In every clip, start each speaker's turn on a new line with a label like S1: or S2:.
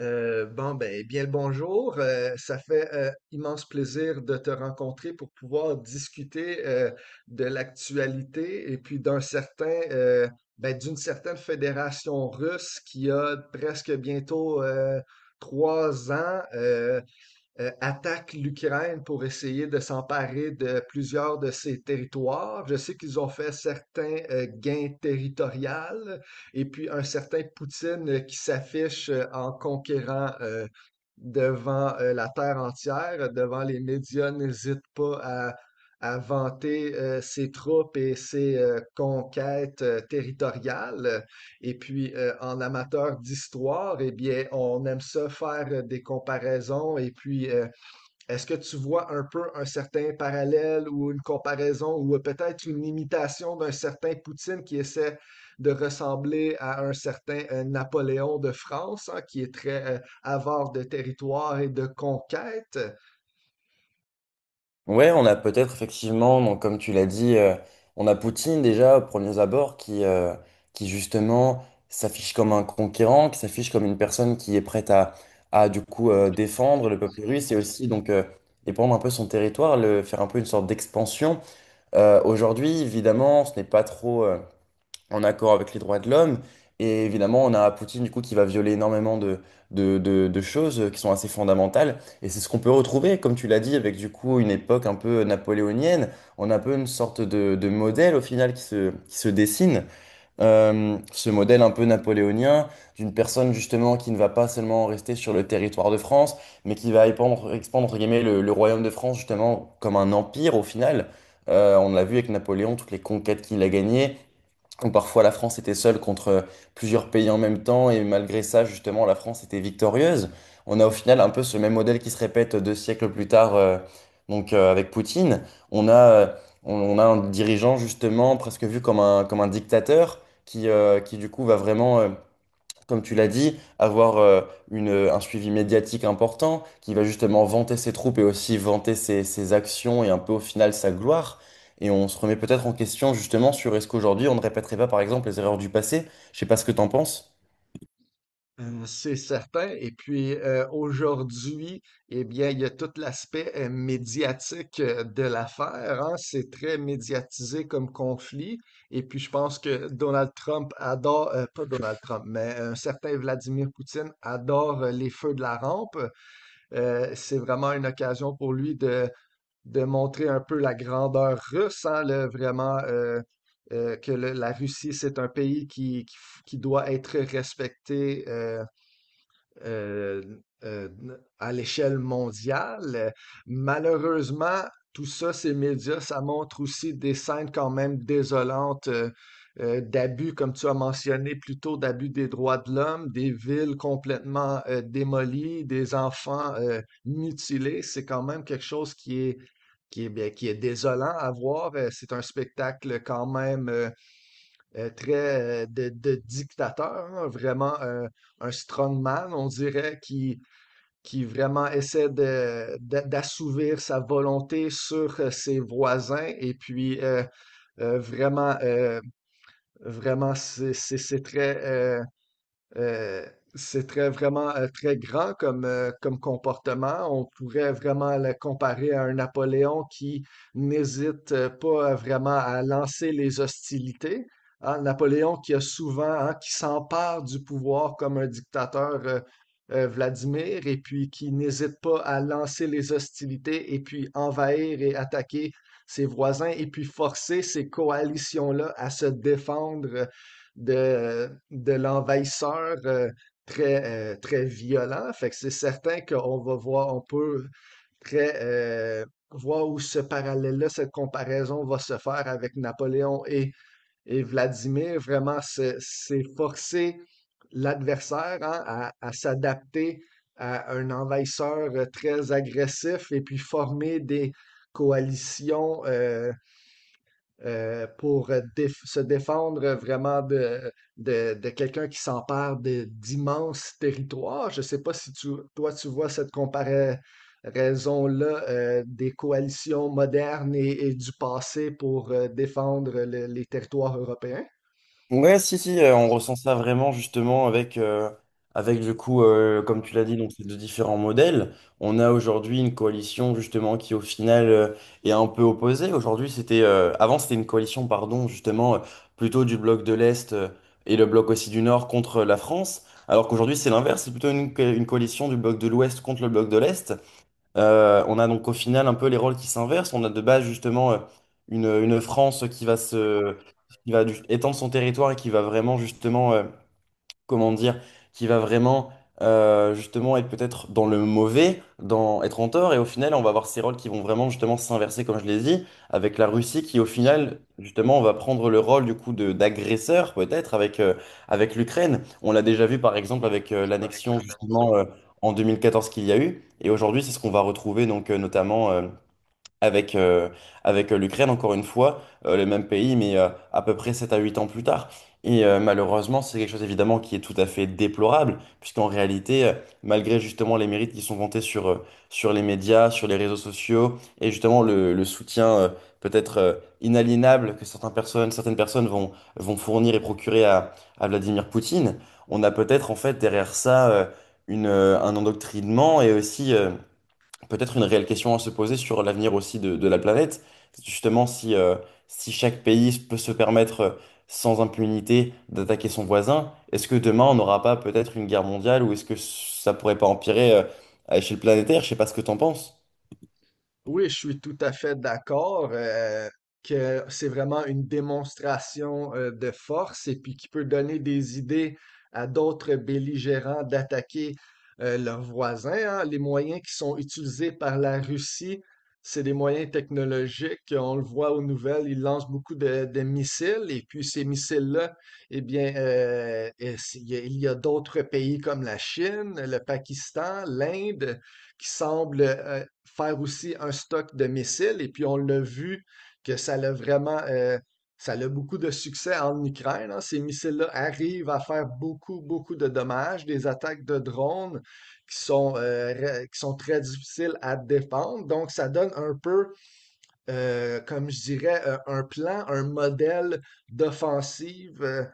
S1: Bien le bonjour. Ça fait immense plaisir de te rencontrer pour pouvoir discuter de l'actualité et puis d'un certain, d'une certaine fédération russe qui a presque bientôt trois ans. Attaque l'Ukraine pour essayer de s'emparer de plusieurs de ses territoires. Je sais qu'ils ont fait certains gains territoriaux et puis un certain Poutine qui s'affiche en conquérant devant la terre entière, devant les médias, n'hésite pas à vanter ses troupes et ses conquêtes territoriales. Et puis, en amateur d'histoire, eh bien, on aime ça faire des comparaisons. Et puis, est-ce que tu vois un peu un certain parallèle ou une comparaison ou peut-être une imitation d'un certain Poutine qui essaie de ressembler à un certain Napoléon de France, hein, qui est très avare de territoire et de conquête?
S2: Ouais, on a peut-être effectivement, donc comme tu l'as dit, on a Poutine déjà, aux premiers abords, qui justement s'affiche comme un conquérant, qui s'affiche comme une personne qui est prête à du coup défendre le peuple russe et aussi donc défendre un peu son territoire, le, faire un peu une sorte d'expansion. Aujourd'hui, évidemment, ce n'est pas trop, en accord avec les droits de l'homme. Et évidemment, on a Poutine du coup qui va violer énormément de choses qui sont assez fondamentales. Et c'est ce qu'on peut retrouver, comme tu l'as dit, avec du coup une époque un peu napoléonienne. On a un peu une sorte de modèle au final qui se dessine. Ce modèle un peu napoléonien d'une personne justement qui ne va pas seulement rester sur le territoire de France, mais qui va expandre, entre guillemets le royaume de France justement comme un empire au final. On l'a vu avec Napoléon, toutes les conquêtes qu'il a gagnées où parfois la France était seule contre plusieurs pays en même temps, et malgré ça, justement, la France était victorieuse. On a au final un peu ce même modèle qui se répète 2 siècles plus tard, donc avec Poutine. On a, on a un dirigeant, justement, presque vu comme un dictateur, qui du coup va vraiment, comme tu l'as dit, avoir un suivi médiatique important, qui va justement vanter ses troupes et aussi vanter ses actions et un peu au final sa gloire. Et on se remet peut-être en question justement sur est-ce qu'aujourd'hui on ne répéterait pas par exemple les erreurs du passé. Je sais pas ce que t'en penses.
S1: C'est certain. Et puis aujourd'hui, eh bien, il y a tout l'aspect médiatique de l'affaire, hein. C'est très médiatisé comme conflit. Et puis je pense que Donald Trump adore, pas Donald Trump, mais un certain Vladimir Poutine adore les feux de la rampe. C'est vraiment une occasion pour lui de montrer un peu la grandeur russe, hein, vraiment que la Russie, c'est un pays qui doit être respecté, euh, euh, à l'échelle mondiale. Malheureusement, tout ça, ces médias, ça montre aussi des scènes quand même désolantes d'abus, comme tu as mentionné plus tôt, d'abus des droits de l'homme, des villes complètement démolies, des enfants mutilés. C'est quand même quelque chose qui est désolant à voir. C'est un spectacle quand même, très de dictateur, hein, vraiment un strongman, on dirait, qui vraiment essaie d'assouvir sa volonté sur ses voisins. Et puis, euh, vraiment, euh, vraiment, c'est euh, c'est très vraiment très grand comme, comme comportement. On pourrait vraiment le comparer à un Napoléon qui n'hésite pas à vraiment à lancer les hostilités. Hein, Napoléon qui a souvent, hein, qui s'empare du pouvoir comme un dictateur Vladimir et puis qui n'hésite pas à lancer les hostilités et puis envahir et attaquer ses voisins et puis forcer ces coalitions-là à se défendre de l'envahisseur très, très violent. Fait que c'est certain qu'on va voir, on peut très voir où ce parallèle-là, cette comparaison va se faire avec Napoléon et Vladimir. Vraiment, c'est forcer l'adversaire hein, à s'adapter à un envahisseur très agressif et puis former des coalitions pour se défendre vraiment de quelqu'un qui s'empare d'immenses territoires. Je ne sais pas si toi, tu vois cette comparaison-là des coalitions modernes et du passé pour défendre les territoires européens.
S2: Ouais, si, si, on ressent ça vraiment justement avec du coup, comme tu l'as dit, donc ces deux différents modèles. On a aujourd'hui une coalition justement qui au final est un peu opposée. Aujourd'hui, c'était, avant c'était une coalition, pardon, justement, plutôt du bloc de l'Est et le bloc aussi du Nord contre la France. Alors qu'aujourd'hui, c'est l'inverse, c'est plutôt une coalition du bloc de l'Ouest contre le bloc de l'Est. On a donc au final un peu les rôles qui s'inversent. On a de base justement une France qui va se, étendre son territoire et qui va vraiment justement comment dire, qui va vraiment justement être peut-être dans le mauvais, dans être en tort, et au final on va avoir ces rôles qui vont vraiment justement s'inverser, comme je l'ai dit, avec la Russie qui au final justement va prendre le rôle du coup de d'agresseur peut-être avec avec l'Ukraine. On l'a déjà vu par exemple avec l'annexion justement en 2014 qu'il y a eu, et aujourd'hui c'est ce qu'on va retrouver donc notamment avec, avec l'Ukraine, encore une fois, le même pays, mais à peu près 7 à 8 ans plus tard. Et malheureusement, c'est quelque chose évidemment qui est tout à fait déplorable, puisqu'en réalité, malgré justement les mérites qui sont vantés sur les médias, sur les réseaux sociaux, et justement le soutien peut-être inaliénable que certaines personnes vont, vont fournir et procurer à Vladimir Poutine, on a peut-être en fait derrière ça un endoctrinement et aussi peut-être une réelle question à se poser sur l'avenir aussi de la planète. Justement, si chaque pays peut se permettre sans impunité d'attaquer son voisin, est-ce que demain on n'aura pas peut-être une guerre mondiale ou est-ce que ça pourrait pas empirer à échelle planétaire? Je sais pas ce que t'en penses.
S1: Oui, je suis tout à fait d'accord que c'est vraiment une démonstration de force et puis qui peut donner des idées à d'autres belligérants d'attaquer leurs voisins, hein. Les moyens qui sont utilisés par la Russie, c'est des moyens technologiques. On le voit aux nouvelles, ils lancent beaucoup de missiles et puis ces missiles-là, eh bien, il y a d'autres pays comme la Chine, le Pakistan, l'Inde, qui semble faire aussi un stock de missiles. Et puis, on l'a vu que ça l'a ça a beaucoup de succès en Ukraine, hein. Ces missiles-là arrivent à faire beaucoup, beaucoup de dommages, des attaques de drones qui qui sont très difficiles à défendre. Donc, ça donne un peu comme je dirais, un plan, un modèle d'offensive euh,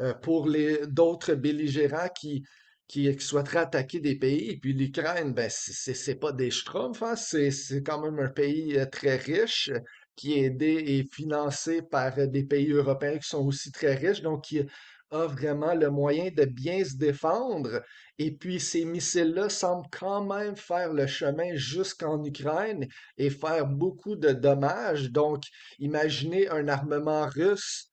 S1: euh, pour les d'autres belligérants qui souhaiteraient attaquer des pays. Et puis l'Ukraine, ben, c'est pas des schtroumpfs, hein, c'est quand même un pays très riche qui est aidé et financé par des pays européens qui sont aussi très riches, donc qui a vraiment le moyen de bien se défendre. Et puis ces missiles-là semblent quand même faire le chemin jusqu'en Ukraine et faire beaucoup de dommages. Donc, imaginez un armement russe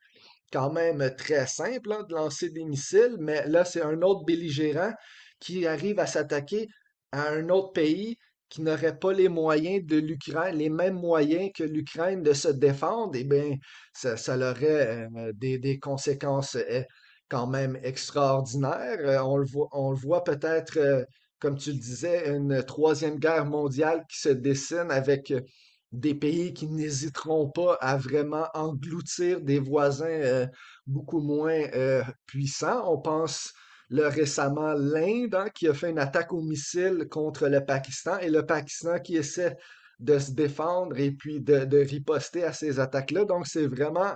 S1: quand même très simple hein, de lancer des missiles, mais là, c'est un autre belligérant qui arrive à s'attaquer à un autre pays qui n'aurait pas les moyens de l'Ukraine, les mêmes moyens que l'Ukraine de se défendre, eh bien, ça aurait des conséquences quand même extraordinaires. On le voit comme tu le disais, une troisième guerre mondiale qui se dessine avec des pays qui n'hésiteront pas à vraiment engloutir des voisins beaucoup moins puissants. On pense le récemment l'Inde hein, qui a fait une attaque au missile contre le Pakistan et le Pakistan qui essaie de se défendre et puis de riposter à ces attaques-là. Donc c'est vraiment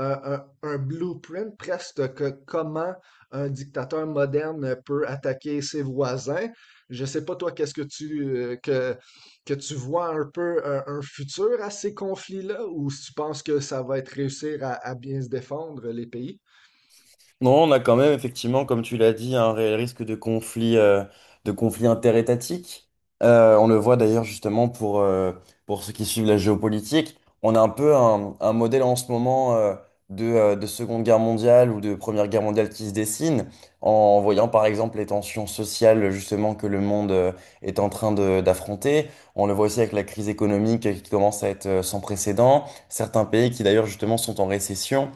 S1: blueprint presque que comment un dictateur moderne peut attaquer ses voisins. Je ne sais pas toi, qu'est-ce que tu vois un peu un futur à ces conflits-là, ou si tu penses que ça va être réussir à bien se défendre, les pays?
S2: Non, on a quand même effectivement, comme tu l'as dit, un réel risque de conflit interétatique. On le voit d'ailleurs justement pour ceux qui suivent la géopolitique. On a un peu un modèle en ce moment de Seconde Guerre mondiale ou de Première Guerre mondiale qui se dessine en voyant par exemple les tensions sociales justement que le monde est en train d'affronter. On le voit aussi avec la crise économique qui commence à être sans précédent. Certains pays qui d'ailleurs justement sont en récession.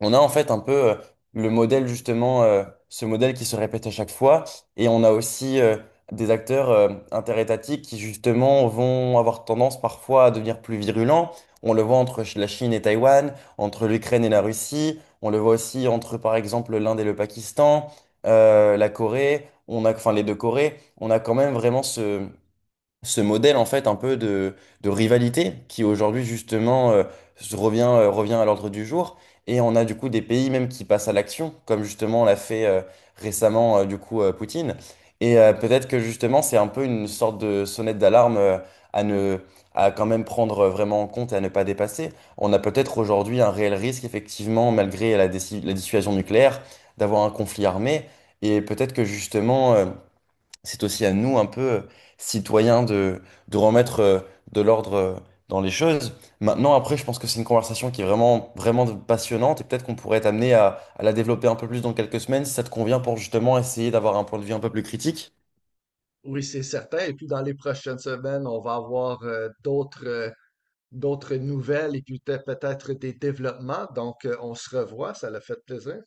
S2: On a en fait un peu le modèle justement, ce modèle qui se répète à chaque fois, et on a aussi des acteurs interétatiques qui justement vont avoir tendance parfois à devenir plus virulents. On le voit entre la Chine et Taïwan, entre l'Ukraine et la Russie, on le voit aussi entre par exemple l'Inde et le Pakistan, la Corée, on a, enfin les deux Corées, on a quand même vraiment ce modèle en fait un peu de rivalité qui aujourd'hui justement revient à l'ordre du jour. Et on a du coup des pays même qui passent à l'action, comme justement l'a fait récemment du coup Poutine. Et peut-être que justement c'est un peu une sorte de sonnette d'alarme à ne, à quand même prendre vraiment en compte et à ne pas dépasser. On a peut-être aujourd'hui un réel risque effectivement, malgré la, la dissuasion nucléaire, d'avoir un conflit armé. Et peut-être que justement c'est aussi à nous, un peu citoyens, de remettre de l'ordre dans les choses. Maintenant, après, je pense que c'est une conversation qui est vraiment, vraiment passionnante et peut-être qu'on pourrait être amené à la développer un peu plus dans quelques semaines si ça te convient pour justement essayer d'avoir un point de vue un peu plus critique.
S1: Oui, c'est certain. Et puis dans les prochaines semaines, on va avoir d'autres nouvelles et puis peut-être des développements. Donc, on se revoit. Ça l'a fait plaisir.